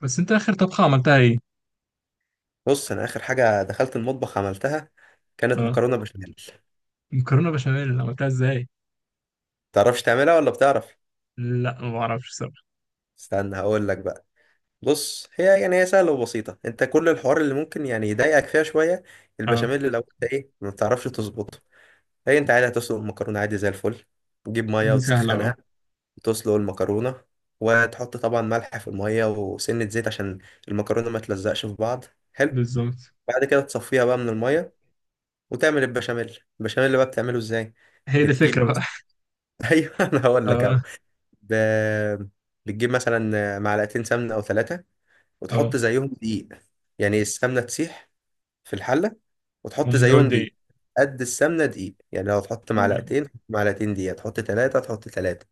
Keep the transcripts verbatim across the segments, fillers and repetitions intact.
بس انت اخر طبخة عملتها ايه؟ بص انا اخر حاجه دخلت المطبخ عملتها كانت اه. مكرونه بشاميل. مكرونة بشاميل عملتها ازاي؟ تعرفش تعملها ولا بتعرف؟ لا ما اعرفش الصراحة. استنى هقول لك بقى. بص هي يعني هي سهله وبسيطه، انت كل الحوار اللي ممكن يعني يضايقك فيها شويه اه. البشاميل، لو انت ايه ما بتعرفش تظبطه. هي انت عادي هتسلق المكرونه عادي زي الفل، تجيب ميه دي سهلة، اه. وتسخنها وتسلق المكرونه، وتحط طبعا ملح في الميه وسنه زيت عشان المكرونه ما تلزقش في بعض. حلو. بالظبط. بعد كده تصفيها بقى من الميه وتعمل البشاميل. البشاميل بقى بتعمله ازاي؟ هي دي بتجيب، الفكرة بقى. ايوه انا هقول لك اهو. اه. ب... بتجيب مثلا معلقتين سمنه او ثلاثه وتحط اه، زيهم دقيق. يعني السمنه تسيح في الحله وتحط ومزود زيهم دقيق. دقيق. قد السمنه دقيق، يعني لو تحط تمام، معلقتين تحط معلقتين دقيق، تحط ثلاثه تحط ثلاثه.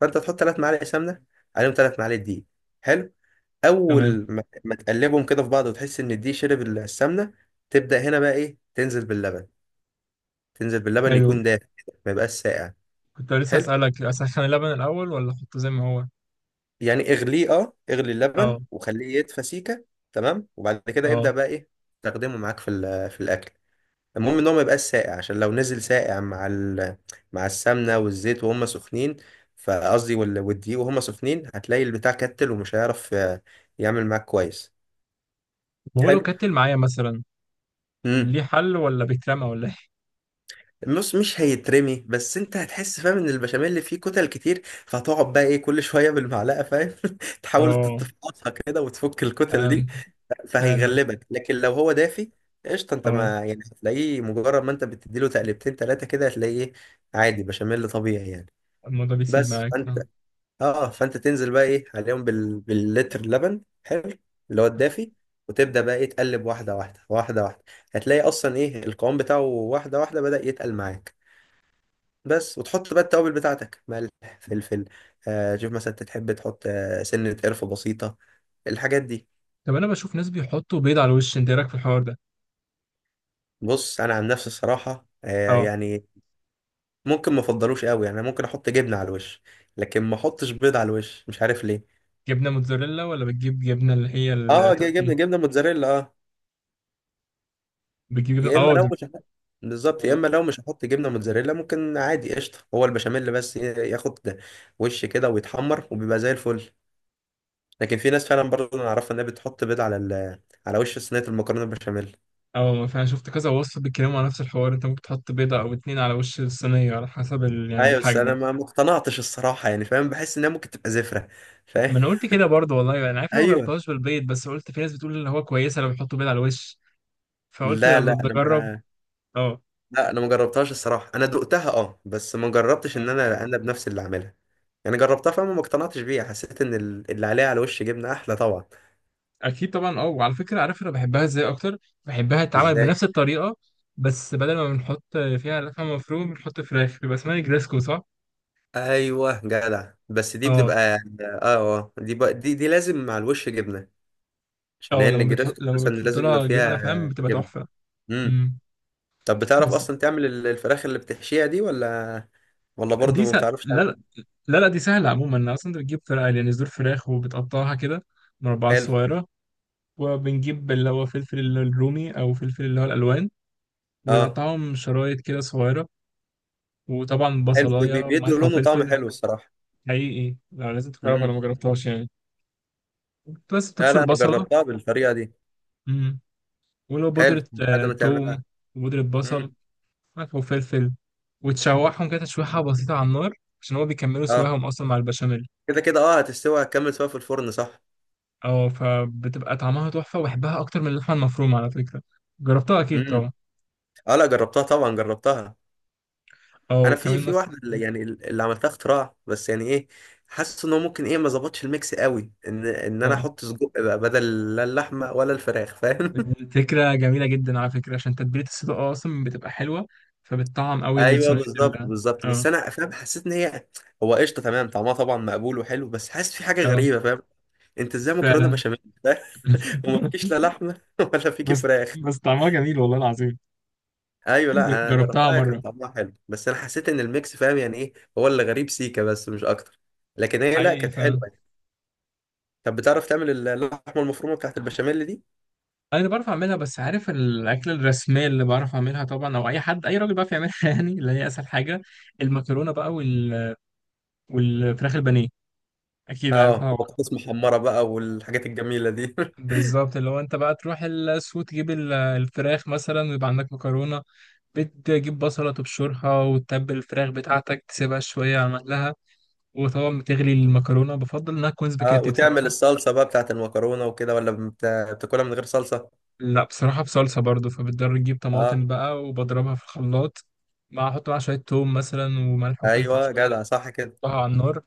فانت تحط ثلاث معالق سمنه عليهم ثلاث معالق دقيق. حلو. تمام. اول ما ما تقلبهم كده في بعض وتحس ان الدقيق شرب السمنه، تبدا هنا بقى ايه تنزل باللبن. تنزل باللبن حلو. يكون دافئ، ما يبقاش ساقع. كنت لسه حلو. اسألك اسخن اللبن الاول ولا احطه زي ما هو؟ يعني اغليه، اه اغلي اه. اللبن وخليه يدفى سيكه. تمام، وبعد كده ابدا اه، بقى ايه تستخدمه معاك في ال- في الاكل. المهم ان هو ما يبقاش ساقع، عشان لو نزل ساقع مع ال... مع السمنه والزيت وهم سخنين، فقصدي وال- والدقيق وهم سخنين، هتلاقي البتاع كتل ومش هيعرف آه، يعمل معاك كويس. وهو لو كتل معايا مثلا حلو. ليه حل ولا بيترمى ولا ايه؟ النص مش هيترمي، بس انت هتحس فاهم ان البشاميل اللي فيه كتل كتير، فهتقعد بقى ايه كل شويه بالمعلقه فاهم تحاول اه، تتفقصها كده وتفك الكتل دي. فهمت. فعلا. فهيغلبك، لكن لو هو دافي قشطه، انت اه، ما يعني هتلاقيه مجرد ما انت بتديله تقلبتين ثلاثه كده، هتلاقيه إيه، عادي بشاميل طبيعي يعني. الموضوع بيسيب بس معاك فانت، فاهم. اه فانت تنزل بقى ايه عليهم بال... باللتر لبن حلو اللي هو الدافي. وتبدا بقى ايه تقلب واحده واحده واحده واحده، هتلاقي اصلا ايه القوام بتاعه واحده واحده بدأ يتقل معاك. بس، وتحط بقى التوابل بتاعتك: ملح، فلفل، آه شوف مثلا انت تحب تحط آه سنة قرفة بسيطة، الحاجات دي. طب انا بشوف ناس بيحطوا بيض على الوش، انت ايه رايك في الحوار ده؟ بص انا عن نفسي الصراحة آه اه. يعني ممكن ما افضلوش قوي. يعني أنا ممكن احط جبنة على الوش، لكن ما احطش بيض على الوش، مش عارف ليه. جبنه موتزاريلا ولا بتجيب جبنه اللي هي اه، ج- جبنة، التركي؟ جبنة موتزاريلا اه. بتجيب جبنه، يا اما اه، لو دب- مش هحط، بالظبط، يا اه. اما لو مش هحط جبنة موتزاريلا ممكن عادي قشطة هو البشاميل بس ي- ياخد وش كده ويتحمر وبيبقى زي الفل. لكن في ناس فعلا برضه انا اعرفها انها بتحط بيض على ال- على وش صينية المكرونة البشاميل. آه، فانا شفت كذا وصفه بيتكلموا على نفس الحوار، انت ممكن تحط بيضه او اتنين على وش الصينيه على حسب ال... يعني ايوه بس انا الحجم. ما ما اقتنعتش الصراحه يعني فاهم، بحس انها ممكن تبقى زفره فاهم. ما انا قلت كده برضه والله، انا عارف ان أنا ما ايوه. جربتهاش بالبيض، بس قلت في ناس بتقول اللي هو كويسه لو بيحطوا بيض على الوش، فقلت ده لا لا انا بجرب. ما اه. لا انا ما جربتهاش الصراحه، انا دقتها اه، بس ما جربتش ان اه، انا انا بنفسي اللي اعملها. يعني جربتها فاهم وما اقتنعتش بيها، حسيت ان ال- اللي عليها على وش جبنه احلى طبعا. اكيد طبعا. اه، وعلى فكره، عارف انا بحبها ازاي اكتر؟ بحبها تتعمل ازاي؟ بنفس الطريقه، بس بدل ما بنحط فيها لحمه مفرومه بنحط فراخ، بيبقى اسمها جريسكو، صح؟ ايوه جدع، بس دي اه. بتبقى اه اه، دي بقى دي دي لازم مع الوش جبنه، عشان اه، هي لما بتحط النجريسكو لما اساسا بتحط لازم يبقى لها جبنه، فيها فاهم، بتبقى جبنه. تحفه. امم. امم. طب بتعرف بس اصلا تعمل ال- الفراخ اللي بتحشيها دي ولا ولا دي برضه ما س... لا. بتعرفش تعمل؟ لا، لا، لا، دي سهله عموما، انا اصلا انت بتجيب فرخ يعني صدور فراخ وبتقطعها كده مربعات حلو. صغيره. وبنجيب اللي هو فلفل الرومي او فلفل اللي هو الالوان، اه، ونقطعهم شرايط كده صغيره. وطبعا حلو، بي- بي- بصلايه بيدوا وملح لون وطعم وفلفل. حلو الصراحه. حقيقي، لا لازم تجربها لو ما امم. جربتهاش يعني. بس لا تبشر لا انا بصله. جربتها بالطريقه دي. امم. ولو حلو. بودره، بعد آه، ما توم. تعملها وبودره بصل. امم، ملح وفلفل. وتشوحهم كده تشويحة بسيطة على النار، عشان هو بيكملوا اه سواهم أصلا مع البشاميل. كده كده اه هتستوي هتكمل سوا في الفرن، صح. اه. فبتبقى طعمها تحفة، وبحبها أكتر من اللحمة المفرومة على فكرة. جربتها أكيد امم. طبعا. اه لا جربتها طبعا جربتها. اه، انا في وكمان في مثلا، واحده اللي- يعني اللي عملتها اختراع بس يعني ايه، حاسس ان هو ممكن ايه ما ظبطش الميكس قوي، ان ان انا اه، احط سجق بقى بدل لا اللحمه ولا الفراخ فاهم. الفكرة جميلة جدا على فكرة، عشان تتبيلة الصدق أصلا بتبقى حلوة، فبتطعم أوي ايوه صينية بالظبط ال بالظبط، اه. بس انا فاهم حسيت ان هي هو قشطه تمام، طعمها طبعا مقبول وحلو، بس حاسس في حاجه اه، غريبه فاهم. انت ازاي مكرونه فعلا. بشاميل وما فيكيش لا لحمه ولا فيكي بس فراخ. بس طعمها جميل والله العظيم. ايوه، لا جر- انا جربتها جربتها كان مرة. طعمها حلو، بس انا حسيت ان الميكس فاهم يعني ايه، هو اللي غريب سيكا بس مش اكتر، لكن هي لا كانت حلوه حقيقي. يعني. طب بتعرف تعمل اللحمه المفرومه بتاعت البشاميل دي؟ انا اللي بعرف اعملها، بس عارف الاكله الرسميه اللي بعرف اعملها طبعا، او اي حد اي راجل بيعرف يعملها يعني اللي هي اسهل حاجه، المكرونه بقى وال... والفراخ البانيه، اكيد اه عارفها طبعاً. وبطاطس محمره بقى والحاجات الجميله دي. بالظبط، اللي هو انت بقى تروح السوق تجيب ال- الفراخ مثلا، ويبقى عندك مكرونه. بتجيب بصله تبشرها، وتتبل الفراخ بتاعتك، تسيبها شويه على مهلها. وطبعا بتغلي المكرونه، بفضل انها تكون اه، سباكيتي وتعمل بصراحه. الصلصه بقى بتاعت المكرونه وكده ولا بت- بتاكلها من غير صلصه؟ لا، بصراحه بصلصه برضو، فبتضطر تجيب اه. طماطم بقى وبضربها في الخلاط، مع احط معاها شويه توم مثلا وملح وفلفل ايوه شويه. جدع صح كده. تحطها على النار،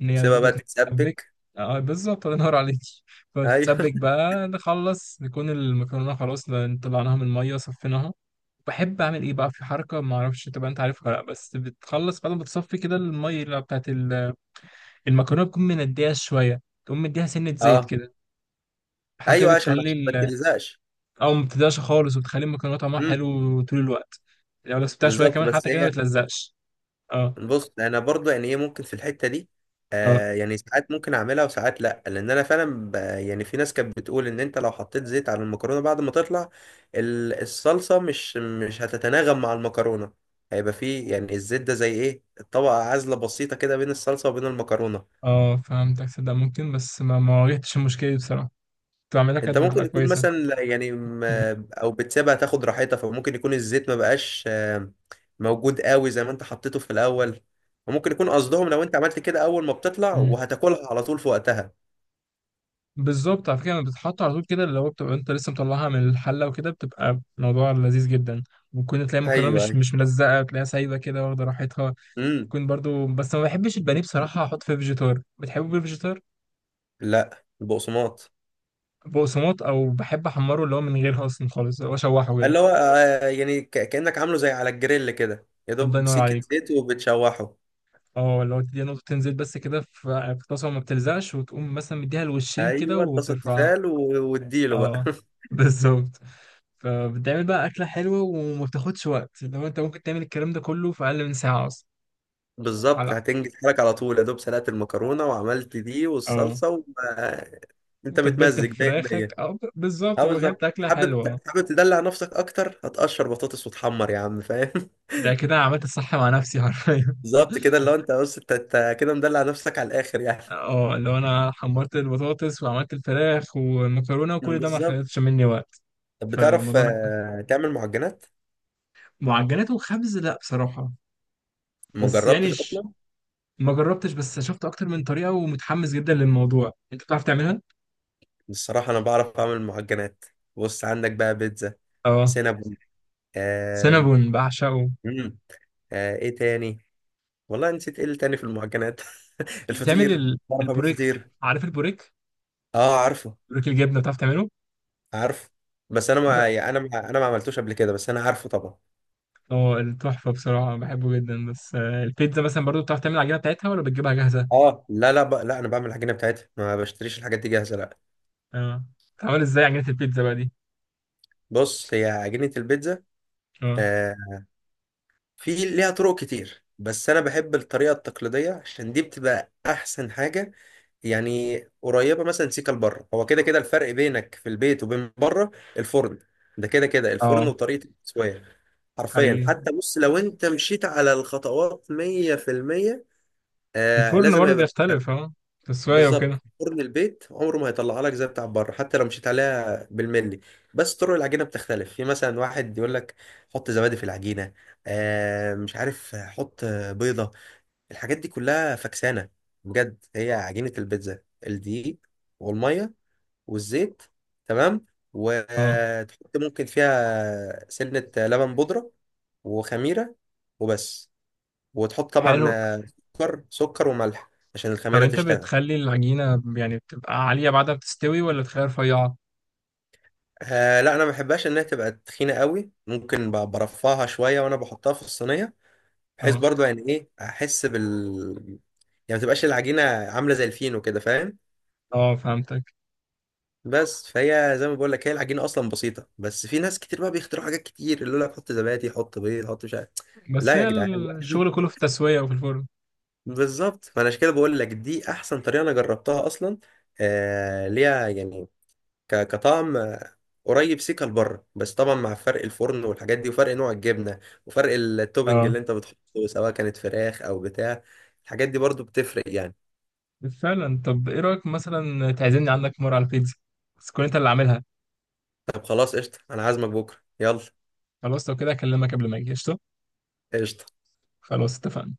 ان هي نسيبها برضه بقى تتسبك. تتسبك. اه، بالظبط، الله ينور عليك. ايوه. فتتسبك بقى، نخلص نكون المكرونه خلاص، ن- طلعناها من الميه، صفيناها. بحب اعمل ايه بقى في حركه، ما اعرفش تبقى انت عارفها ولا لا، بس بتخلص بعد ما بتصفي كده الميه اللي بتاعت ال- المكرونه، بتكون منديها شويه، تقوم مديها سنه زيت اه. كده. الحركه ايوه دي عشان ما بتخلي عشان ما ال- تلزقش. او ما بتديهاش خالص، وبتخلي المكرونه طعمها امم. حلو طول الوقت. لو لو سبتها شويه بالظبط. كمان بس حتى كده ما هي بتلزقش. اه. بص انا برضو يعني ايه ممكن في الحته دي اه. آه يعني ساعات ممكن اعملها وساعات لا، لان انا فعلا ب- يعني في ناس كانت بتقول ان انت لو حطيت زيت على المكرونه بعد ما تطلع، ال- الصلصه مش مش هتتناغم مع المكرونه، هيبقى فيه يعني الزيت ده زي ايه طبقه عازله بسيطه كده بين الصلصه وبين المكرونه. اه، فهمتك، صدق ممكن، بس ما ما واجهتش المشكله دي بصراحه. بتعملها انت كانت بتبقى ممكن تكون كويسة. مثلا لا- يعني مم. م- او بتسيبها تاخد راحتها، فممكن يكون الزيت ما بقاش آه، موجود قوي زي ما انت حطيته في الاول. وممكن يكون قصدهم لو انت عملت كده اول ما بتطلع مم. وهتاكلها على طول في وقتها. بالظبط، على فكرة لما بتتحط على طول كده، اللي هو بتبقى انت لسه مطلعها من الحلة وكده، بتبقى موضوع لذيذ جدا. ممكن تلاقي ايوه المكرونة مش ايوه مش ملزقة، تلاقيها سايبة كده واخدة راحتها. امم. تكون برضو، بس ما بحبش البانيه بصراحة احط فيه فيجيتار، بتحبه بالفيجيتار؟ لا البقسماط. بقسماط، او بحب احمره اللي هو من غيرها اصلا خالص، اللي هو اشوحه كده. اللي هو آه، يعني ك- كانك عامله زي على الجريل كده، يا الله دوب ينور سكه عليك. زيت وبتشوحه. اه، اللي هو تديها نقطتين زيت بس كده في في طاسة، وما بتلزقش، وتقوم مثلا مديها الوشين كده ايوه اتبسط وبترفعها. تفال و- واديله بقى. اه، بالظبط. فبتعمل بقى أكلة حلوة، وما بتاخدش وقت، لو أنت ممكن تعمل الكلام ده كله في أقل من ساعة أصلا. بالظبط، على هتنجز حالك على طول، يا دوب سلقت المكرونه وعملت دي اه، والصلصه انت وتبلت بتمزج. فراخك مية بالمية أو ب- بالظبط، اه وكانت بالظبط. أكلة حابب، حلوة. حابب تدلع نفسك اكتر هتقشر بطاطس وتحمر يا عم فاهم. ده كده عملت الصح مع نفسي حرفيا. بالظبط كده، اللي هو انت بص انت انت كده مدلع نفسك على الاخر يعني. اه، لو أنا حمرت البطاطس وعملت الفراخ والمكرونة وكل ده ما بالظبط. خدتش مني وقت. طب بتعرف فالموضوع آه، تعمل معجنات؟ معجنات وخبز، لا بصراحة. ما بس يعني جربتش ش... اصلا ما جربتش، بس شفت أكتر من طريقة ومتحمس جدا للموضوع، أنت بتعرف تعملها؟ الصراحه. انا بعرف اعمل معجنات. بص عندك بقى بيتزا، اه. سينابون، آم، سينابون بعشقه. مم، آه، ايه تاني؟ والله نسيت ايه اللي تاني في المعجنات. بتعمل الفطير، ال- بعرف اعمل البوريك. فطير. عارف البوريك. اه عارفه. بوريك الجبنه بتعرف تعمله؟ عارف. بس انا بتاع. ما يعني انا ما انا ما عملتوش قبل كده، بس انا عارفه طبعا. اه، التحفه بصراحه بحبه جدا، بس، آه، البيتزا مثلا برضو بتعرف تعمل العجينه بتاعتها ولا بتجيبها جاهزه؟ اه لا لا، ب... لا انا بعمل العجينه بتاعتها ما بشتريش الحاجات دي جاهزه لا. اه. بتعمل ازاي عجينه البيتزا بقى دي؟ بص هي عجينه البيتزا اه. آه في ليها طرق كتير، بس انا بحب الطريقه التقليديه عشان دي بتبقى احسن حاجه. يعني قريبه مثلا سيكا لبره، هو كده كده الفرق بينك في البيت وبين بره الفرن، ده كده كده الفرن اه، وطريقه التسويه. حرفيا حقيقي. حتى بص لو انت مشيت على الخطوات مية بالمية، آه الفرن لازم برضو هيبقى بيختلف، اه، تسويه وكده. بالظبط، فرن البيت عمره ما هيطلع لك زي بتاع بره حتى لو مشيت عليها بالملي. بس طرق العجينه بتختلف، في مثلا واحد يقول لك حط زبادي في العجينه، آه مش عارف حط بيضه، الحاجات دي كلها فكسانه. بجد هي عجينه البيتزا: الدقيق والميه والزيت، تمام، اه. وتحط ممكن فيها سنه لبن بودره وخميره، وبس. وتحط طبعا حلو. آه، سكر، سكر وملح عشان طب الخميره انت تشتغل. بتخلي العجينه يعني بتبقى عاليه بعدها بتستوي ولا تخليها رفيعه؟ آه لا انا ما بحبهاش انها تبقى تخينه قوي، ممكن ب- برفعها شويه وانا بحطها في الصينيه، بحيث اه. برضو يعني ايه احس بال يعني ما تبقاش العجينه عامله زي الفينو كده فاهم. اه، فهمتك. بس فهي زي ما بقول لك هي العجينه اصلا بسيطه، بس في ناس كتير بقى بيخترعوا حاجات كتير، اللي يقول لك حط زبادي، حط بيض، حط مش عارف. بس لا يا هي جدعان، لا. الشغل كله في التسويه وفي الفرن. بالظبط، فانا عشان كده بقول لك دي احسن طريقه انا جربتها اصلا. آه ليها يعني ك- كطعم قريب سيكا لبره، بس طبعا مع فرق الفرن والحاجات دي، وفرق نوع الجبنه، وفرق التوبنج اه، اللي انت بتحطه سواء كانت فراخ او بتاع، الحاجات دي برضو بتفرق يعني. فعلا. طب ايه رايك مثلا تعزمني عندك مره على البيتزا، بس تكون انت اللي عاملها؟ طب خلاص قشطه، انا عازمك بكره يلا. خلاص، لو كده اكلمك قبل ما اجي قشطه. قشطه. خلاص، اتفقنا.